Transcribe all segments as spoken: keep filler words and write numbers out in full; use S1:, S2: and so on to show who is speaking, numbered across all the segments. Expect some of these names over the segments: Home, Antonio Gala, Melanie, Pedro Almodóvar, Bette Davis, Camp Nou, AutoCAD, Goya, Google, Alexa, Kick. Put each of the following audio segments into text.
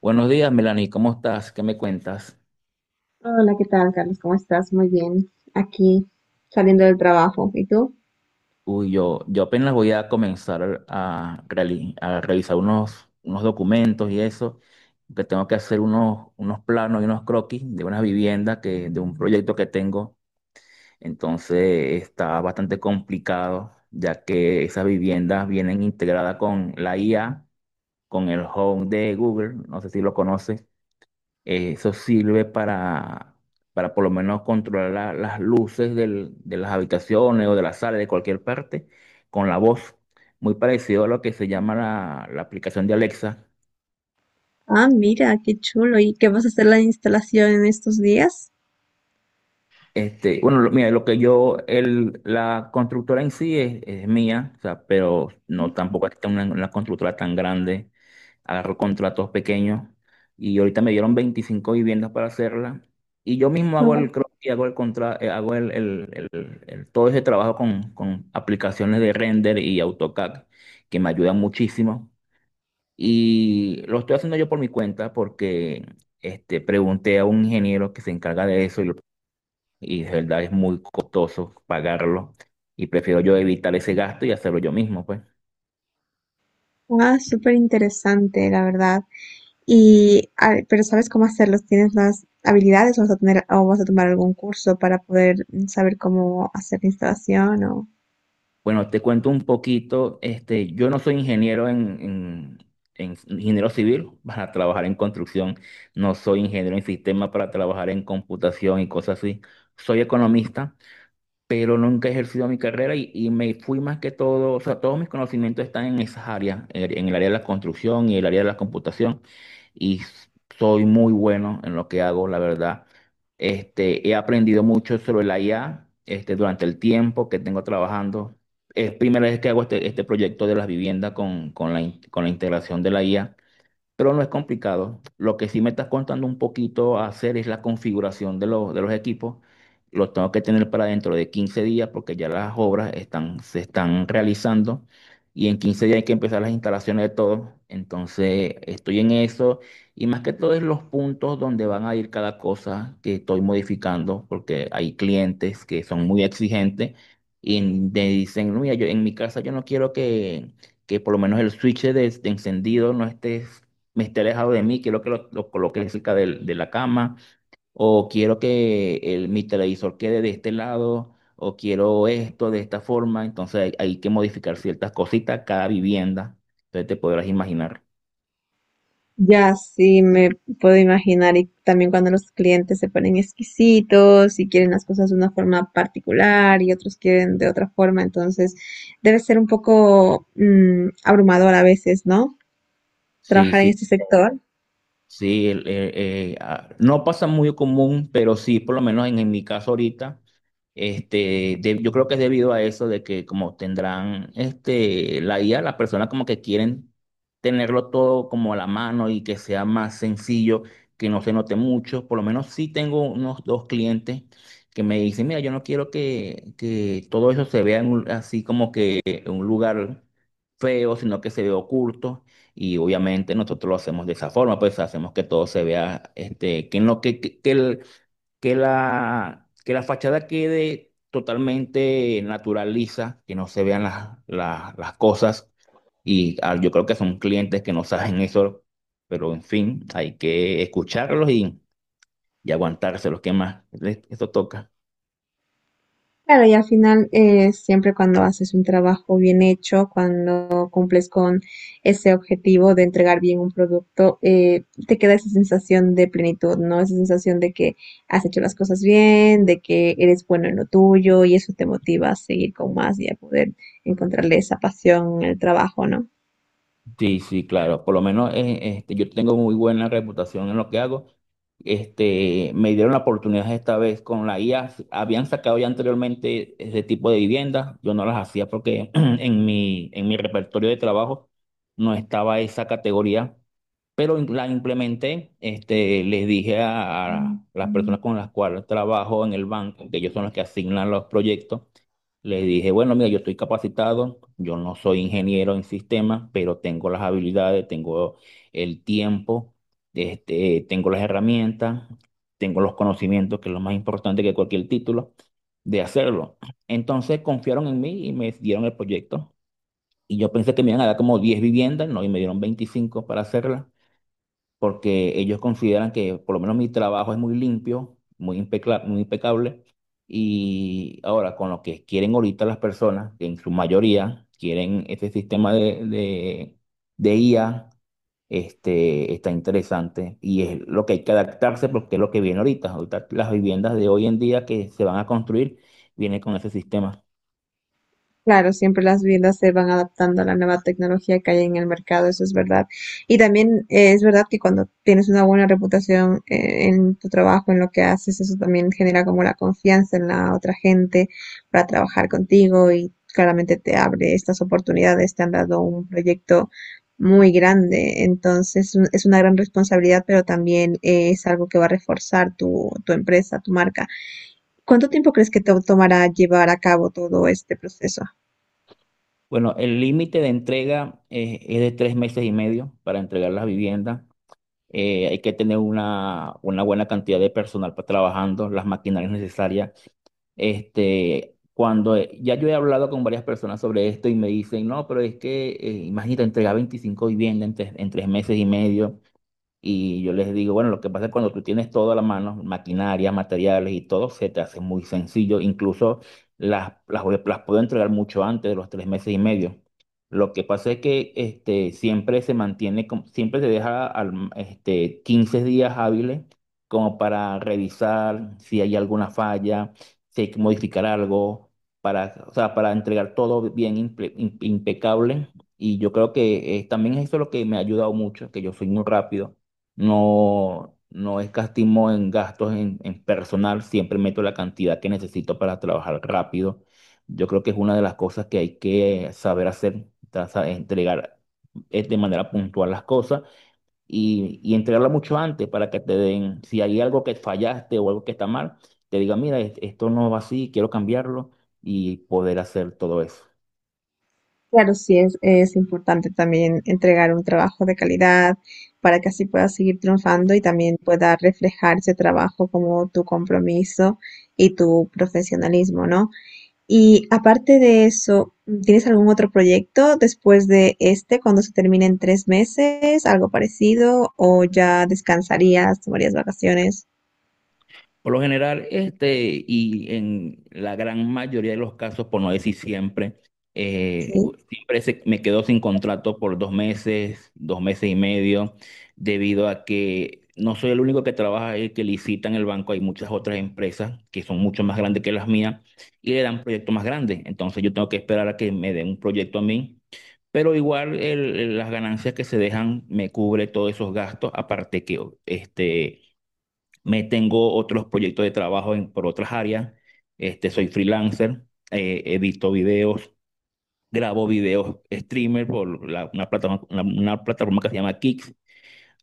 S1: Buenos días, Melanie, ¿cómo estás? ¿Qué me cuentas?
S2: Hola, ¿qué tal, Carlos? ¿Cómo estás? Muy bien. Aquí saliendo del trabajo. ¿Y tú?
S1: Uy, yo, yo apenas voy a comenzar a, reali- a revisar unos, unos documentos y eso, que tengo que hacer unos, unos planos y unos croquis de una vivienda que, de un proyecto que tengo. Entonces está bastante complicado, ya que esas viviendas vienen integradas con la I A, con el Home de Google, no sé si lo conoces. Eh, Eso sirve para, para por lo menos controlar la- las luces del- de las habitaciones o de la sala, de cualquier parte, con la voz. Muy parecido a lo que se llama la, la aplicación de Alexa.
S2: Ah, mira, qué chulo. ¿Y qué vas a hacer la instalación en estos días?
S1: Este, bueno, lo- mira, lo que yo, el, la constructora en sí es, es mía, o sea, pero no tampoco es que una, una constructora tan grande, agarro contratos pequeños y ahorita me dieron veinticinco viviendas para hacerla y yo mismo
S2: Ah,
S1: hago el
S2: bueno.
S1: y hago el contra, eh, hago el, el- el- el- todo ese trabajo con, con aplicaciones de render y AutoCAD que me ayudan muchísimo y lo estoy haciendo yo por mi cuenta porque este, pregunté a un ingeniero que se encarga de eso y de verdad es muy costoso pagarlo y prefiero yo evitar ese gasto y hacerlo yo mismo, pues.
S2: Ah, súper interesante, la verdad. Y, ah, pero ¿sabes cómo hacerlos? ¿Tienes las habilidades o vas a tener, o vas a tomar algún curso para poder mm, saber cómo hacer la instalación?
S1: Bueno, te cuento un poquito, este, yo no soy ingeniero en, en- en ingeniero civil para trabajar en construcción, no soy ingeniero en sistema para trabajar en computación y cosas así, soy economista pero nunca he ejercido mi carrera y, y me fui más que todo, o sea, todos mis conocimientos están en esas áreas, en, en el área de la construcción y el área de la computación, y s- soy muy bueno en lo que hago, la verdad. Este, he aprendido mucho sobre la I A, este, durante el tiempo que tengo trabajando. Es primera vez que hago este, este proyecto de las viviendas con, con la, in- con la integración de la I A pero no es complicado. Lo que sí me estás contando un poquito hacer es la configuración de los, de los equipos. Los tengo que tener para dentro de quince días porque ya las obras están, se están realizando y en quince días hay que empezar las instalaciones de todo. Entonces estoy en eso y más que todo es los puntos donde van a ir cada cosa que estoy modificando porque hay clientes que son muy exigentes y me dicen, "No, mira, yo, en mi casa yo no quiero que, que por lo menos el switch de de encendido no esté me esté alejado de mí, quiero que lo, lo coloque cerca de, de la cama, o quiero que el, mi televisor quede de este lado, o quiero esto de esta forma. Entonces hay, hay que modificar ciertas cositas cada vivienda. Entonces te podrás imaginar.
S2: Ya, sí, me puedo imaginar. Y también cuando los clientes se ponen exquisitos y quieren las cosas de una forma particular y otros quieren de otra forma, entonces debe ser un poco mm, abrumador a veces, ¿no?
S1: Sí,
S2: Trabajar en
S1: sí.
S2: este sector.
S1: Sí, el- eh, eh, ah, no pasa muy común, pero sí, por lo menos en, en mi caso ahorita, este, de- yo creo que es debido a eso de que como tendrán este, la I A, las personas como que quieren tenerlo todo como a la mano y que sea más sencillo, que no se note mucho. Por lo menos sí tengo unos dos clientes que me dicen, mira, yo no quiero que, que todo eso se vea en un- así como que en un lugar feo, sino que se vea oculto. Y obviamente nosotros lo hacemos de esa forma, pues hacemos que todo se vea, este, que, no, que, que, que el- que la, que la fachada quede totalmente natural, lisa, que no se vean las, las, las cosas. Y ah, yo creo que son clientes que no saben eso, pero en fin, hay que escucharlos y, y aguantárselos, ¿qué más? Esto toca.
S2: Claro, y al final, eh, siempre cuando haces un trabajo bien hecho, cuando cumples con ese objetivo de entregar bien un producto, eh, te queda esa sensación de plenitud, ¿no? Esa sensación de que has hecho las cosas bien, de que eres bueno en lo tuyo y eso te motiva a seguir con más y a poder encontrarle esa pasión en el trabajo, ¿no?
S1: Sí, sí, claro. Por lo menos eh, este, yo tengo muy buena reputación en lo que hago. Este, me dieron la oportunidad esta vez con la I A. Habían sacado ya anteriormente ese tipo de viviendas. Yo no las hacía porque en mi, en mi repertorio de trabajo no estaba esa categoría. Pero in- la implementé. Este, les dije a, a las personas con las cuales trabajo en el banco, que ellos son los que asignan los proyectos. Les dije, bueno, mira, yo estoy capacitado, yo no soy ingeniero en sistemas, pero tengo las habilidades, tengo el tiempo, este, tengo las herramientas, tengo los conocimientos, que es lo más importante que cualquier título, de hacerlo. Entonces confiaron en mí y me dieron el proyecto. Y yo pensé que me iban a dar como diez viviendas, no, y me dieron veinticinco para hacerla porque ellos consideran que por lo menos mi trabajo es muy limpio, muy impecla- muy impecable. Y ahora, con lo que quieren ahorita las personas, que en su mayoría quieren este sistema de, de, de I A, este, está interesante y es lo que hay que adaptarse porque es lo que viene ahorita. Ahorita las viviendas de hoy en día que se van a construir vienen con ese sistema.
S2: Claro, siempre las viviendas se van adaptando a la nueva tecnología que hay en el mercado, eso es verdad. Y también eh, es verdad que cuando tienes una buena reputación eh, en tu trabajo, en lo que haces, eso también genera como la confianza en la otra gente para trabajar contigo y claramente te abre estas oportunidades, te han dado un proyecto muy grande, entonces un- es una gran responsabilidad, pero también eh, es algo que va a reforzar tu, tu empresa, tu marca. ¿Cuánto tiempo crees que te tomará llevar a cabo todo este proceso?
S1: Bueno, el límite de entrega es, es de tres meses y medio para entregar las viviendas eh, hay que tener una, una buena cantidad de personal para trabajando, las maquinarias necesarias. Este, cuando eh, ya yo he hablado con varias personas sobre esto y me dicen, no, pero es que eh, imagínate entregar veinticinco viviendas en tres, en tres meses y medio. Y yo les digo, bueno, lo que pasa es cuando tú tienes todo a la mano, maquinaria, materiales y todo, se te hace muy sencillo. Incluso las, las, voy- las puedo entregar mucho antes de los tres meses y medio. Lo que pasa es que este, siempre se mantiene, como- siempre se deja al- este, quince días hábiles como para revisar si hay alguna falla, si hay que modificar algo, para, o sea, para entregar todo bien impe- im- impecable. Y yo creo que eh, también eso es lo que me ha ayudado mucho, que yo soy muy rápido no, no escatimo en gastos en, en personal, siempre meto la cantidad que necesito para trabajar rápido. Yo creo que es una de las cosas que hay que saber hacer, ta- sa- entregar eh, de manera puntual las cosas y, y entregarla mucho antes para que te den, si hay algo que fallaste o algo que está mal, te diga, mira, es- esto no va así, quiero cambiarlo y poder hacer todo eso.
S2: Claro, sí, es, es importante también entregar un trabajo de calidad para que así puedas seguir triunfando y también pueda reflejar ese trabajo como tu compromiso y tu profesionalismo, ¿no? Y aparte de eso, ¿tienes algún otro proyecto después de este, cuando se termine en tres meses, algo parecido, o ya descansarías, tomarías vacaciones?
S1: Por lo general, este, y en la gran mayoría de los casos, por no decir siempre, eh, u-
S2: Sí.
S1: siempre se- me quedo sin contrato por dos meses, dos meses y medio, debido a que no soy el único que trabaja ahí, que licita en el banco. Hay muchas otras empresas que son mucho más grandes que las mías y le dan proyectos más grandes. Entonces yo tengo que esperar a que me den un proyecto a mí. Pero igual el- el- las ganancias que se dejan me cubre todos esos gastos, aparte que este me tengo otros proyectos de trabajo en, por otras áreas. Este, soy freelancer, eh, edito videos, grabo videos streamer por la- una plataforma, una, una plataforma que se llama Kick.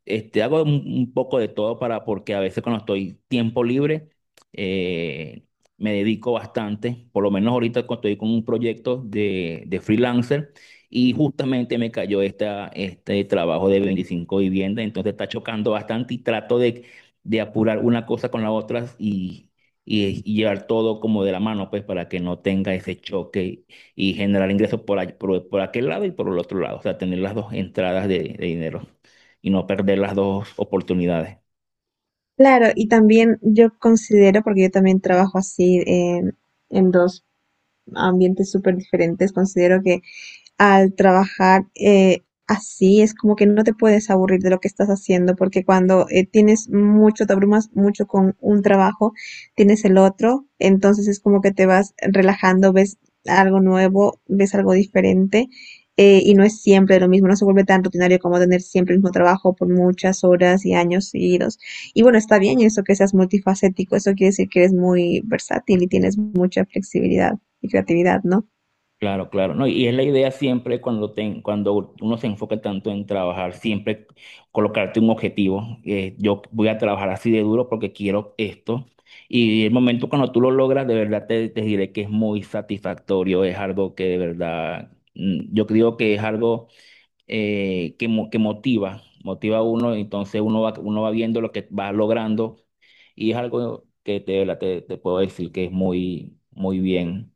S1: Este, hago un, un poco de todo para, porque a veces cuando estoy tiempo libre, eh, me dedico bastante, por lo menos ahorita cuando estoy con un proyecto de, de freelancer y justamente me cayó esta, este trabajo de veinticinco viviendas, entonces está chocando bastante y trato de, de apurar una cosa con la otra y, y- y llevar todo como de la mano, pues para que no tenga ese choque y generar ingresos por, ahí- por, por aquel lado y por el otro lado, o sea, tener las dos entradas de de dinero y no perder las dos oportunidades.
S2: Claro, y también yo considero, porque yo también trabajo así en, en dos ambientes súper diferentes. Considero que al trabajar eh, así, es como que no te puedes aburrir de lo que estás haciendo, porque cuando eh, tienes mucho, te abrumas mucho con un trabajo, tienes el otro, entonces es como que te vas relajando, ves algo nuevo, ves algo diferente. Eh, y no es siempre lo mismo, no se vuelve tan rutinario como tener siempre el mismo trabajo por muchas horas y años seguidos. Y bueno, está bien eso que seas multifacético, eso quiere decir que eres muy versátil y tienes mucha flexibilidad y creatividad, ¿no?
S1: Claro, claro, no, y es la idea siempre cuando, te- cuando uno se enfoca tanto en trabajar, siempre colocarte un objetivo. eh, yo voy a trabajar así de duro porque quiero esto. Y el momento cuando tú lo logras, de verdad te, te diré que es muy satisfactorio, es algo que de verdad, mm, yo creo que es algo eh, que, mo- que motiva, motiva a uno, entonces uno va, uno va viendo lo que va logrando y es algo que te, la- te, te puedo decir que es muy, muy bien.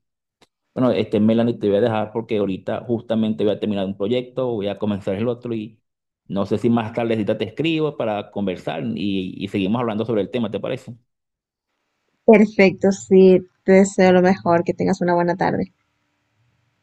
S1: Bueno, este Melanie te voy a dejar porque ahorita justamente voy a terminar un proyecto, voy a comenzar el otro y no sé si más tarde te escribo para conversar y, y seguimos hablando sobre el tema, ¿te parece?
S2: Perfecto, sí, te deseo lo mejor, que tengas una buena tarde.